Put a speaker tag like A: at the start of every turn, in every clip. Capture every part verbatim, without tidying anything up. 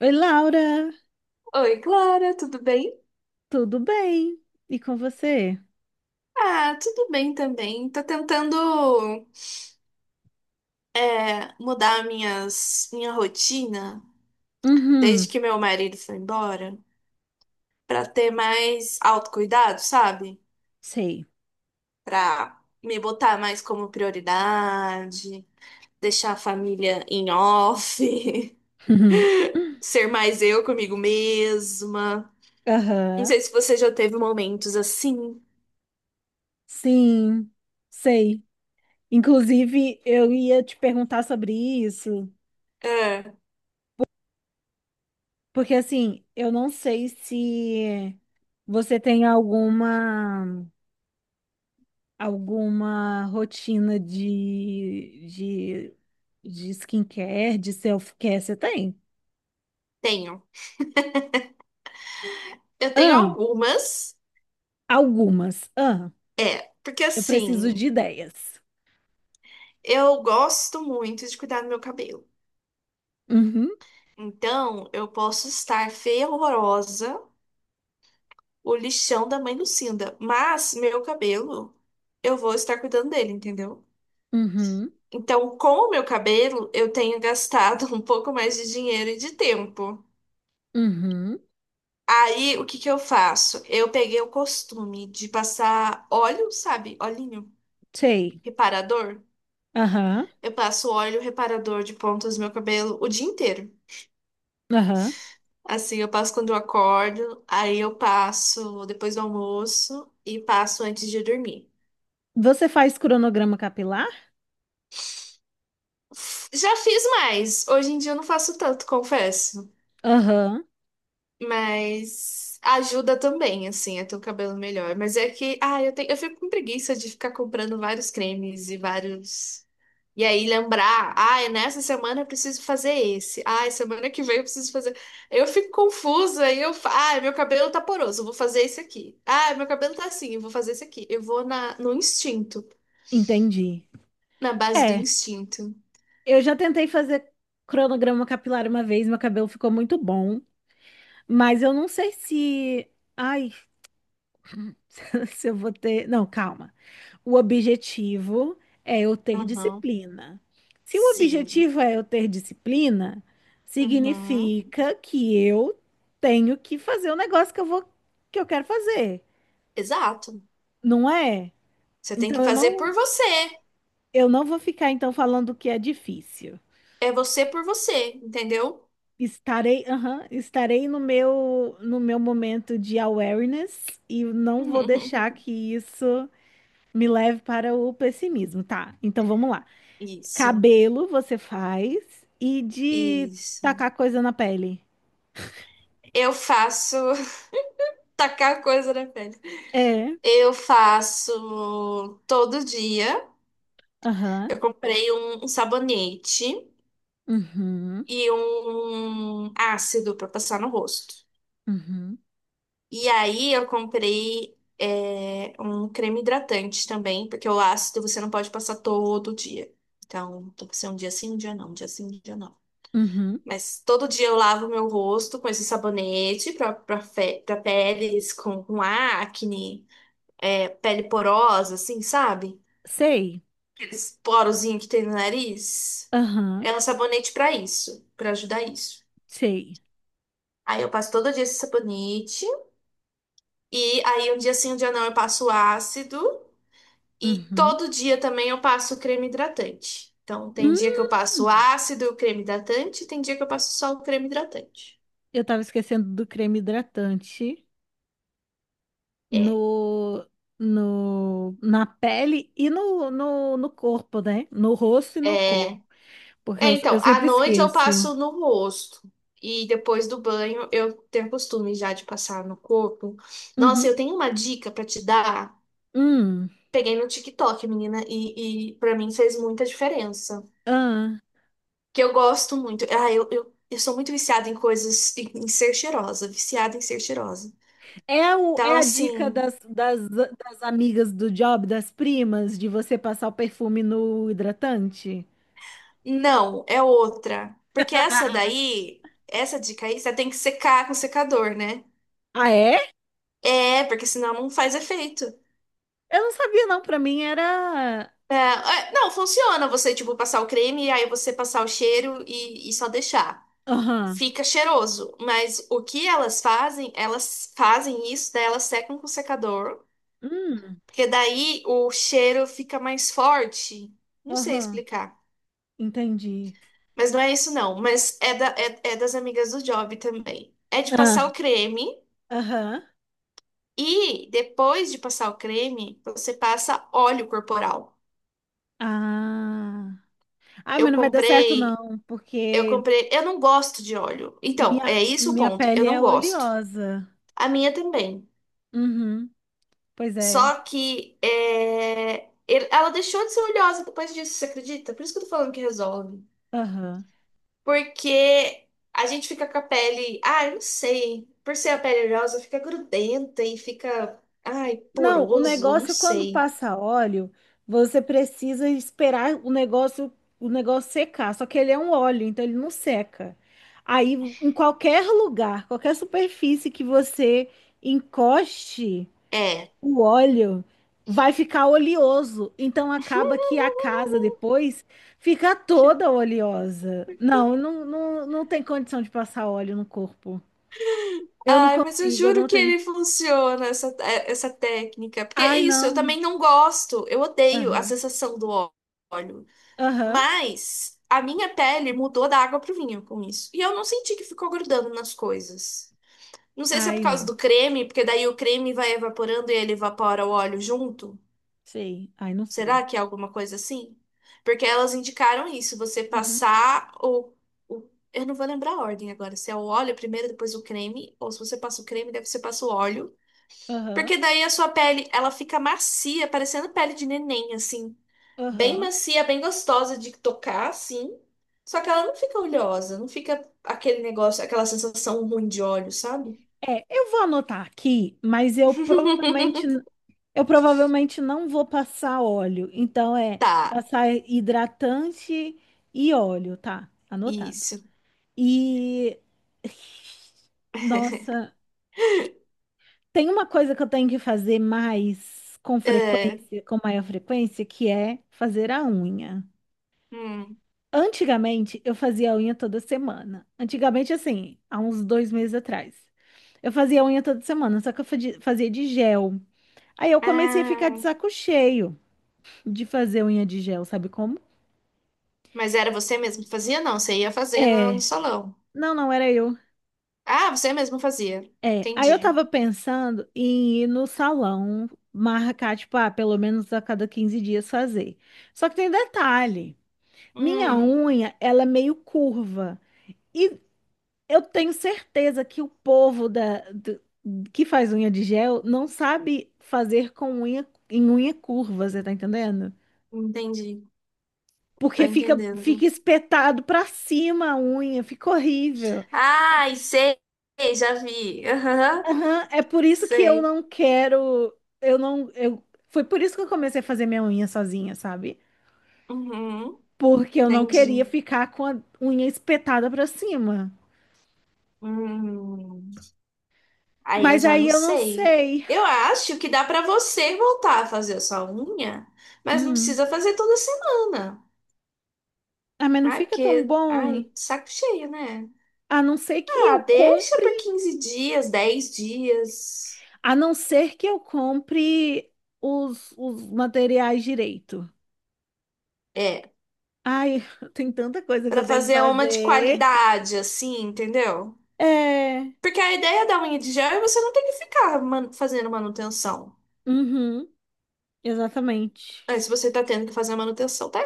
A: Oi, Laura,
B: Oi, Clara, tudo bem?
A: tudo bem? E com você?
B: Ah, tudo bem também. Tô tentando é, mudar minhas, minha rotina desde
A: Uhum,
B: que meu marido foi embora pra ter mais autocuidado, sabe?
A: sei.
B: Pra me botar mais como prioridade, deixar a família em off,
A: Uhum.
B: ser mais eu comigo mesma. Não
A: Aham,
B: sei se você já teve momentos assim.
A: sim, sei. Inclusive, eu ia te perguntar sobre isso,
B: É,
A: porque assim, eu não sei se você tem alguma alguma rotina de, de, de skincare, de self-care, você tem?
B: tenho. Eu tenho
A: Ah,
B: algumas.
A: algumas. Ah,
B: É, porque
A: eu preciso de
B: assim.
A: ideias.
B: Eu gosto muito de cuidar do meu cabelo.
A: Uhum,
B: Então, eu posso estar feia, horrorosa, o lixão da mãe Lucinda, mas meu cabelo, eu vou estar cuidando dele, entendeu?
A: uhum.
B: Então, com o meu cabelo, eu tenho gastado um pouco mais de dinheiro e de tempo.
A: Uhum,
B: Aí, o que que eu faço? Eu peguei o costume de passar óleo, sabe? Olhinho
A: sei.
B: reparador.
A: Aham,
B: Eu passo óleo reparador de pontas no meu cabelo o dia inteiro.
A: aham.
B: Assim, eu passo quando eu acordo, aí eu passo depois do almoço e passo antes de dormir.
A: Você faz cronograma capilar?
B: Já fiz mais, hoje em dia eu não faço tanto, confesso.
A: Aham,
B: Mas ajuda também, assim, a ter o cabelo melhor. Mas é que, ah, eu tenho, eu fico com preguiça de ficar comprando vários cremes e vários. E aí lembrar, ah, nessa semana eu preciso fazer esse. Ah, semana que vem eu preciso fazer. Eu fico confusa e eu, fa- ah, meu cabelo tá poroso, eu vou fazer esse aqui. Ah, meu cabelo tá assim, eu vou fazer esse aqui. Eu vou na no instinto,
A: entendi.
B: na base do
A: É,
B: instinto.
A: eu já tentei fazer cronograma capilar uma vez, meu cabelo ficou muito bom, mas eu não sei se. Ai, se eu vou ter. Não, calma. O objetivo é eu ter
B: Aham.
A: disciplina. Se o
B: Sim.
A: objetivo é eu ter disciplina,
B: Uhum.
A: significa que eu tenho que fazer o negócio que eu vou, que eu quero fazer,
B: Exato.
A: não é?
B: Você tem que
A: Então eu
B: fazer por
A: não,
B: você.
A: eu não vou ficar então falando que é difícil.
B: É você por você, entendeu?
A: Estarei, aham, estarei no meu, no meu momento de awareness e não vou deixar que isso me leve para o pessimismo, tá? Então vamos lá.
B: Isso.
A: Cabelo você faz e de
B: Isso.
A: tacar coisa na pele.
B: Eu faço tacar coisa na pele.
A: É,
B: Eu faço todo dia.
A: aham,
B: Eu comprei um, um sabonete
A: uhum,
B: e um ácido para passar no rosto.
A: uhum,
B: E aí eu comprei é, um creme hidratante também, porque o ácido você não pode passar todo dia. Então, tem que ser um dia sim, um dia não, um dia sim, um dia não.
A: uhum.
B: Mas todo dia eu lavo meu rosto com esse sabonete para para pele com, com acne. É, pele porosa, assim, sabe?
A: Sei,
B: Aqueles porozinhos que tem no nariz.
A: aham,
B: É um sabonete pra isso, pra ajudar isso.
A: sei,
B: Aí eu passo todo dia esse sabonete. E aí um dia sim, um dia não, eu passo o ácido. E
A: uhum.
B: todo dia também eu passo o creme hidratante. Então tem dia que
A: Hum,
B: eu passo o ácido, e o creme hidratante, e tem dia que eu passo só o creme hidratante.
A: eu tava esquecendo do creme hidratante.
B: É.
A: no, no, na pele e no, no, no corpo, né? No rosto e no
B: É.
A: corpo. Porque
B: É,
A: eu, eu
B: então, à
A: sempre
B: noite eu
A: esqueço.
B: passo no rosto. E depois do banho, eu tenho costume já de passar no corpo. Nossa,
A: Uhum.
B: eu tenho uma dica pra te dar.
A: Hum.
B: Peguei no TikTok, menina, e, e para mim fez muita diferença.
A: Ah.
B: Que eu gosto muito. Ah, eu, eu, eu sou muito viciada em coisas, em, em ser cheirosa, viciada em ser cheirosa.
A: É, o, é
B: Então,
A: a dica
B: assim,
A: das, das, das amigas do job, das primas, de você passar o perfume no hidratante?
B: não, é outra. Porque essa daí, essa dica aí, você tem que secar com secador, né?
A: Ah, é?
B: É, porque senão não faz efeito.
A: Eu não sabia, não. Pra mim era.
B: É, é, não, funciona você, tipo, passar o creme e aí você passar o cheiro e, e só deixar.
A: Aham.
B: Fica cheiroso, mas o que elas fazem, elas fazem isso, daí elas secam com secador,
A: Hum.
B: porque daí o cheiro fica mais forte. Não sei
A: Aham.
B: explicar,
A: Entendi.
B: mas não é isso não, mas é, da, é, é das amigas do Job também. É de passar
A: Ah.
B: o creme
A: Aham.
B: e depois de passar o creme, você passa óleo corporal.
A: Ah. Ai,
B: Eu
A: mas não vai dar certo,
B: comprei
A: não,
B: Eu
A: porque
B: comprei. Eu não gosto de óleo. Então,
A: Minha,
B: é isso o
A: minha
B: ponto. Eu
A: pele
B: não
A: é
B: gosto.
A: oleosa.
B: A minha também.
A: Uhum, pois é.
B: Só que é, ele- ela deixou de ser oleosa depois disso, você acredita? Por isso que eu tô falando que resolve.
A: Aham.
B: Porque a gente fica com a pele. Ah, eu não sei. Por ser a pele oleosa, fica grudenta e fica. Ai,
A: Não, o
B: poroso. Não
A: negócio é quando
B: sei.
A: passa óleo, você precisa esperar o negócio, o negócio secar. Só que ele é um óleo, então ele não seca. Aí, em qualquer lugar, qualquer superfície que você encoste,
B: É.
A: o óleo vai ficar oleoso. Então acaba que a casa depois fica toda oleosa. Não, não, não, não tem condição de passar óleo no corpo. Eu não
B: Ai, mas eu
A: consigo, eu
B: juro
A: não
B: que
A: tenho.
B: ele funciona, essa, é- essa técnica. Porque é
A: Ai,
B: isso, eu
A: não.
B: também não gosto, eu odeio a
A: Aham.
B: sensação do ó- óleo.
A: Aham.
B: Mas a minha pele mudou da água pro vinho com isso. E eu não senti que ficou grudando nas coisas. Não sei se é por
A: Ai,
B: causa
A: não.
B: do creme, porque daí o creme vai evaporando e ele evapora o óleo junto.
A: Sei. Ai, não sei.
B: Será que é alguma coisa assim? Porque elas indicaram isso, você
A: Uhum.
B: passar o o eu não vou lembrar a ordem agora, se é o óleo primeiro, depois o creme, ou se você passa o creme, deve você passa o óleo.
A: Aham.
B: Porque daí a sua pele, ela fica macia, parecendo pele de neném, assim. Bem
A: Aham.
B: macia, bem gostosa de tocar, assim. Só que ela não fica oleosa, não fica aquele negócio, aquela sensação ruim de óleo, sabe?
A: É, eu vou anotar aqui, mas eu provavelmente eu provavelmente não vou passar óleo. Então é
B: Tá,
A: passar hidratante e óleo, tá? Anotado.
B: isso.
A: E nossa, tem uma coisa que eu tenho que fazer mais com
B: É,
A: frequência, com maior frequência, que é fazer a unha.
B: hum.
A: Antigamente, eu fazia a unha toda semana. Antigamente, assim, há uns dois meses atrás. Eu fazia a unha toda semana, só que eu fadi- fazia de gel. Aí eu comecei a ficar de
B: Ah,
A: saco cheio de fazer unha de gel, sabe como?
B: mas era você mesmo que fazia? Não, você ia fazer no, no
A: É.
B: salão.
A: Não, não era eu.
B: Ah, você mesmo fazia.
A: É, aí eu
B: Entendi.
A: tava pensando em ir no salão, marcar, tipo, ah, pelo menos a cada quinze dias fazer. Só que tem detalhe, minha
B: Hum,
A: unha, ela é meio curva. E eu tenho certeza que o povo da, do- que faz unha de gel não sabe fazer com unha, em unha curva, você tá entendendo?
B: entendi. Tô
A: Porque fica,
B: entendendo.
A: fica espetado pra cima a unha, fica horrível.
B: Ai, sei, já vi. Aham,
A: Aham, é por isso que eu
B: sei.
A: não quero, eu não, eu, foi por isso que eu comecei a fazer minha unha sozinha, sabe?
B: Uhum,
A: Porque eu não queria
B: entendi.
A: ficar com a unha espetada pra cima.
B: Hum, aí eu
A: Mas
B: já
A: aí
B: não
A: eu não
B: sei.
A: sei.
B: Eu acho que dá pra você voltar a fazer a sua unha, mas não
A: Hum.
B: precisa fazer toda semana.
A: Ah, mas não
B: Ai,
A: fica tão
B: porque,
A: bom.
B: ai, saco cheio, né?
A: A não ser que
B: Ah,
A: eu
B: deixa
A: compre,
B: por quinze dias, dez dias.
A: a não ser que eu compre os, os materiais direito.
B: É,
A: Ai, tem tanta coisa que
B: pra
A: eu tenho que
B: fazer uma de
A: fazer.
B: qualidade, assim, entendeu?
A: É.
B: Porque a ideia da unha de gel é você não ter que ficar man- fazendo manutenção.
A: Uhum, exatamente.
B: Aí, se você tá tendo que fazer a manutenção, tá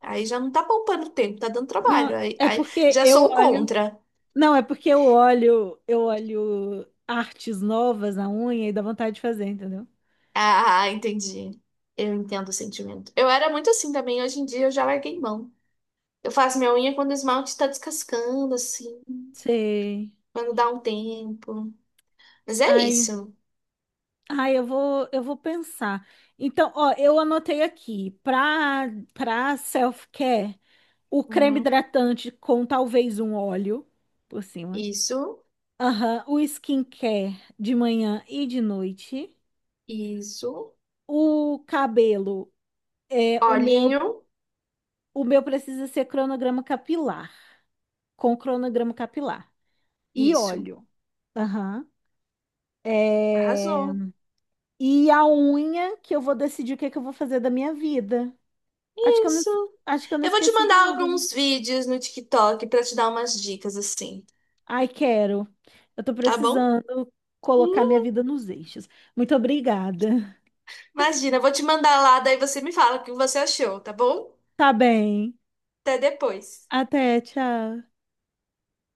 B: Aí já não tá poupando tempo, tá dando trabalho.
A: Não,
B: Aí,
A: é
B: aí
A: porque
B: já
A: eu
B: sou o
A: olho.
B: contra.
A: Não, é porque eu olho, eu olho artes novas na unha e dá vontade de fazer, entendeu?
B: Ah, ah, entendi. Eu entendo o sentimento. Eu era muito assim também, hoje em dia eu já larguei mão. Eu faço minha unha quando o esmalte tá descascando, assim,
A: Sei.
B: quando dá um tempo. Mas é
A: Ai,
B: isso.
A: ai, eu vou, eu vou pensar. Então, ó, eu anotei aqui, para para self-care, o creme
B: Uhum.
A: hidratante com talvez um óleo por cima.
B: Isso,
A: Aham, o skincare de manhã e de noite.
B: isso.
A: O cabelo é o meu,
B: Olhinho,
A: o meu precisa ser cronograma capilar, com cronograma capilar. E
B: isso.
A: óleo. Aham. É,
B: Arrasou.
A: e a unha, que eu vou decidir o que é que eu vou fazer da minha vida. Acho que eu não, es-
B: Isso.
A: acho que eu não
B: Eu vou te
A: esqueci de
B: mandar
A: nada, né?
B: alguns vídeos no TikTok pra te dar umas dicas, assim,
A: Ai, quero. Eu tô
B: tá bom?
A: precisando colocar minha vida nos eixos. Muito obrigada.
B: Imagina, eu vou te mandar lá, daí você me fala o que você achou, tá bom?
A: Tá bem.
B: Até depois.
A: Até, tchau.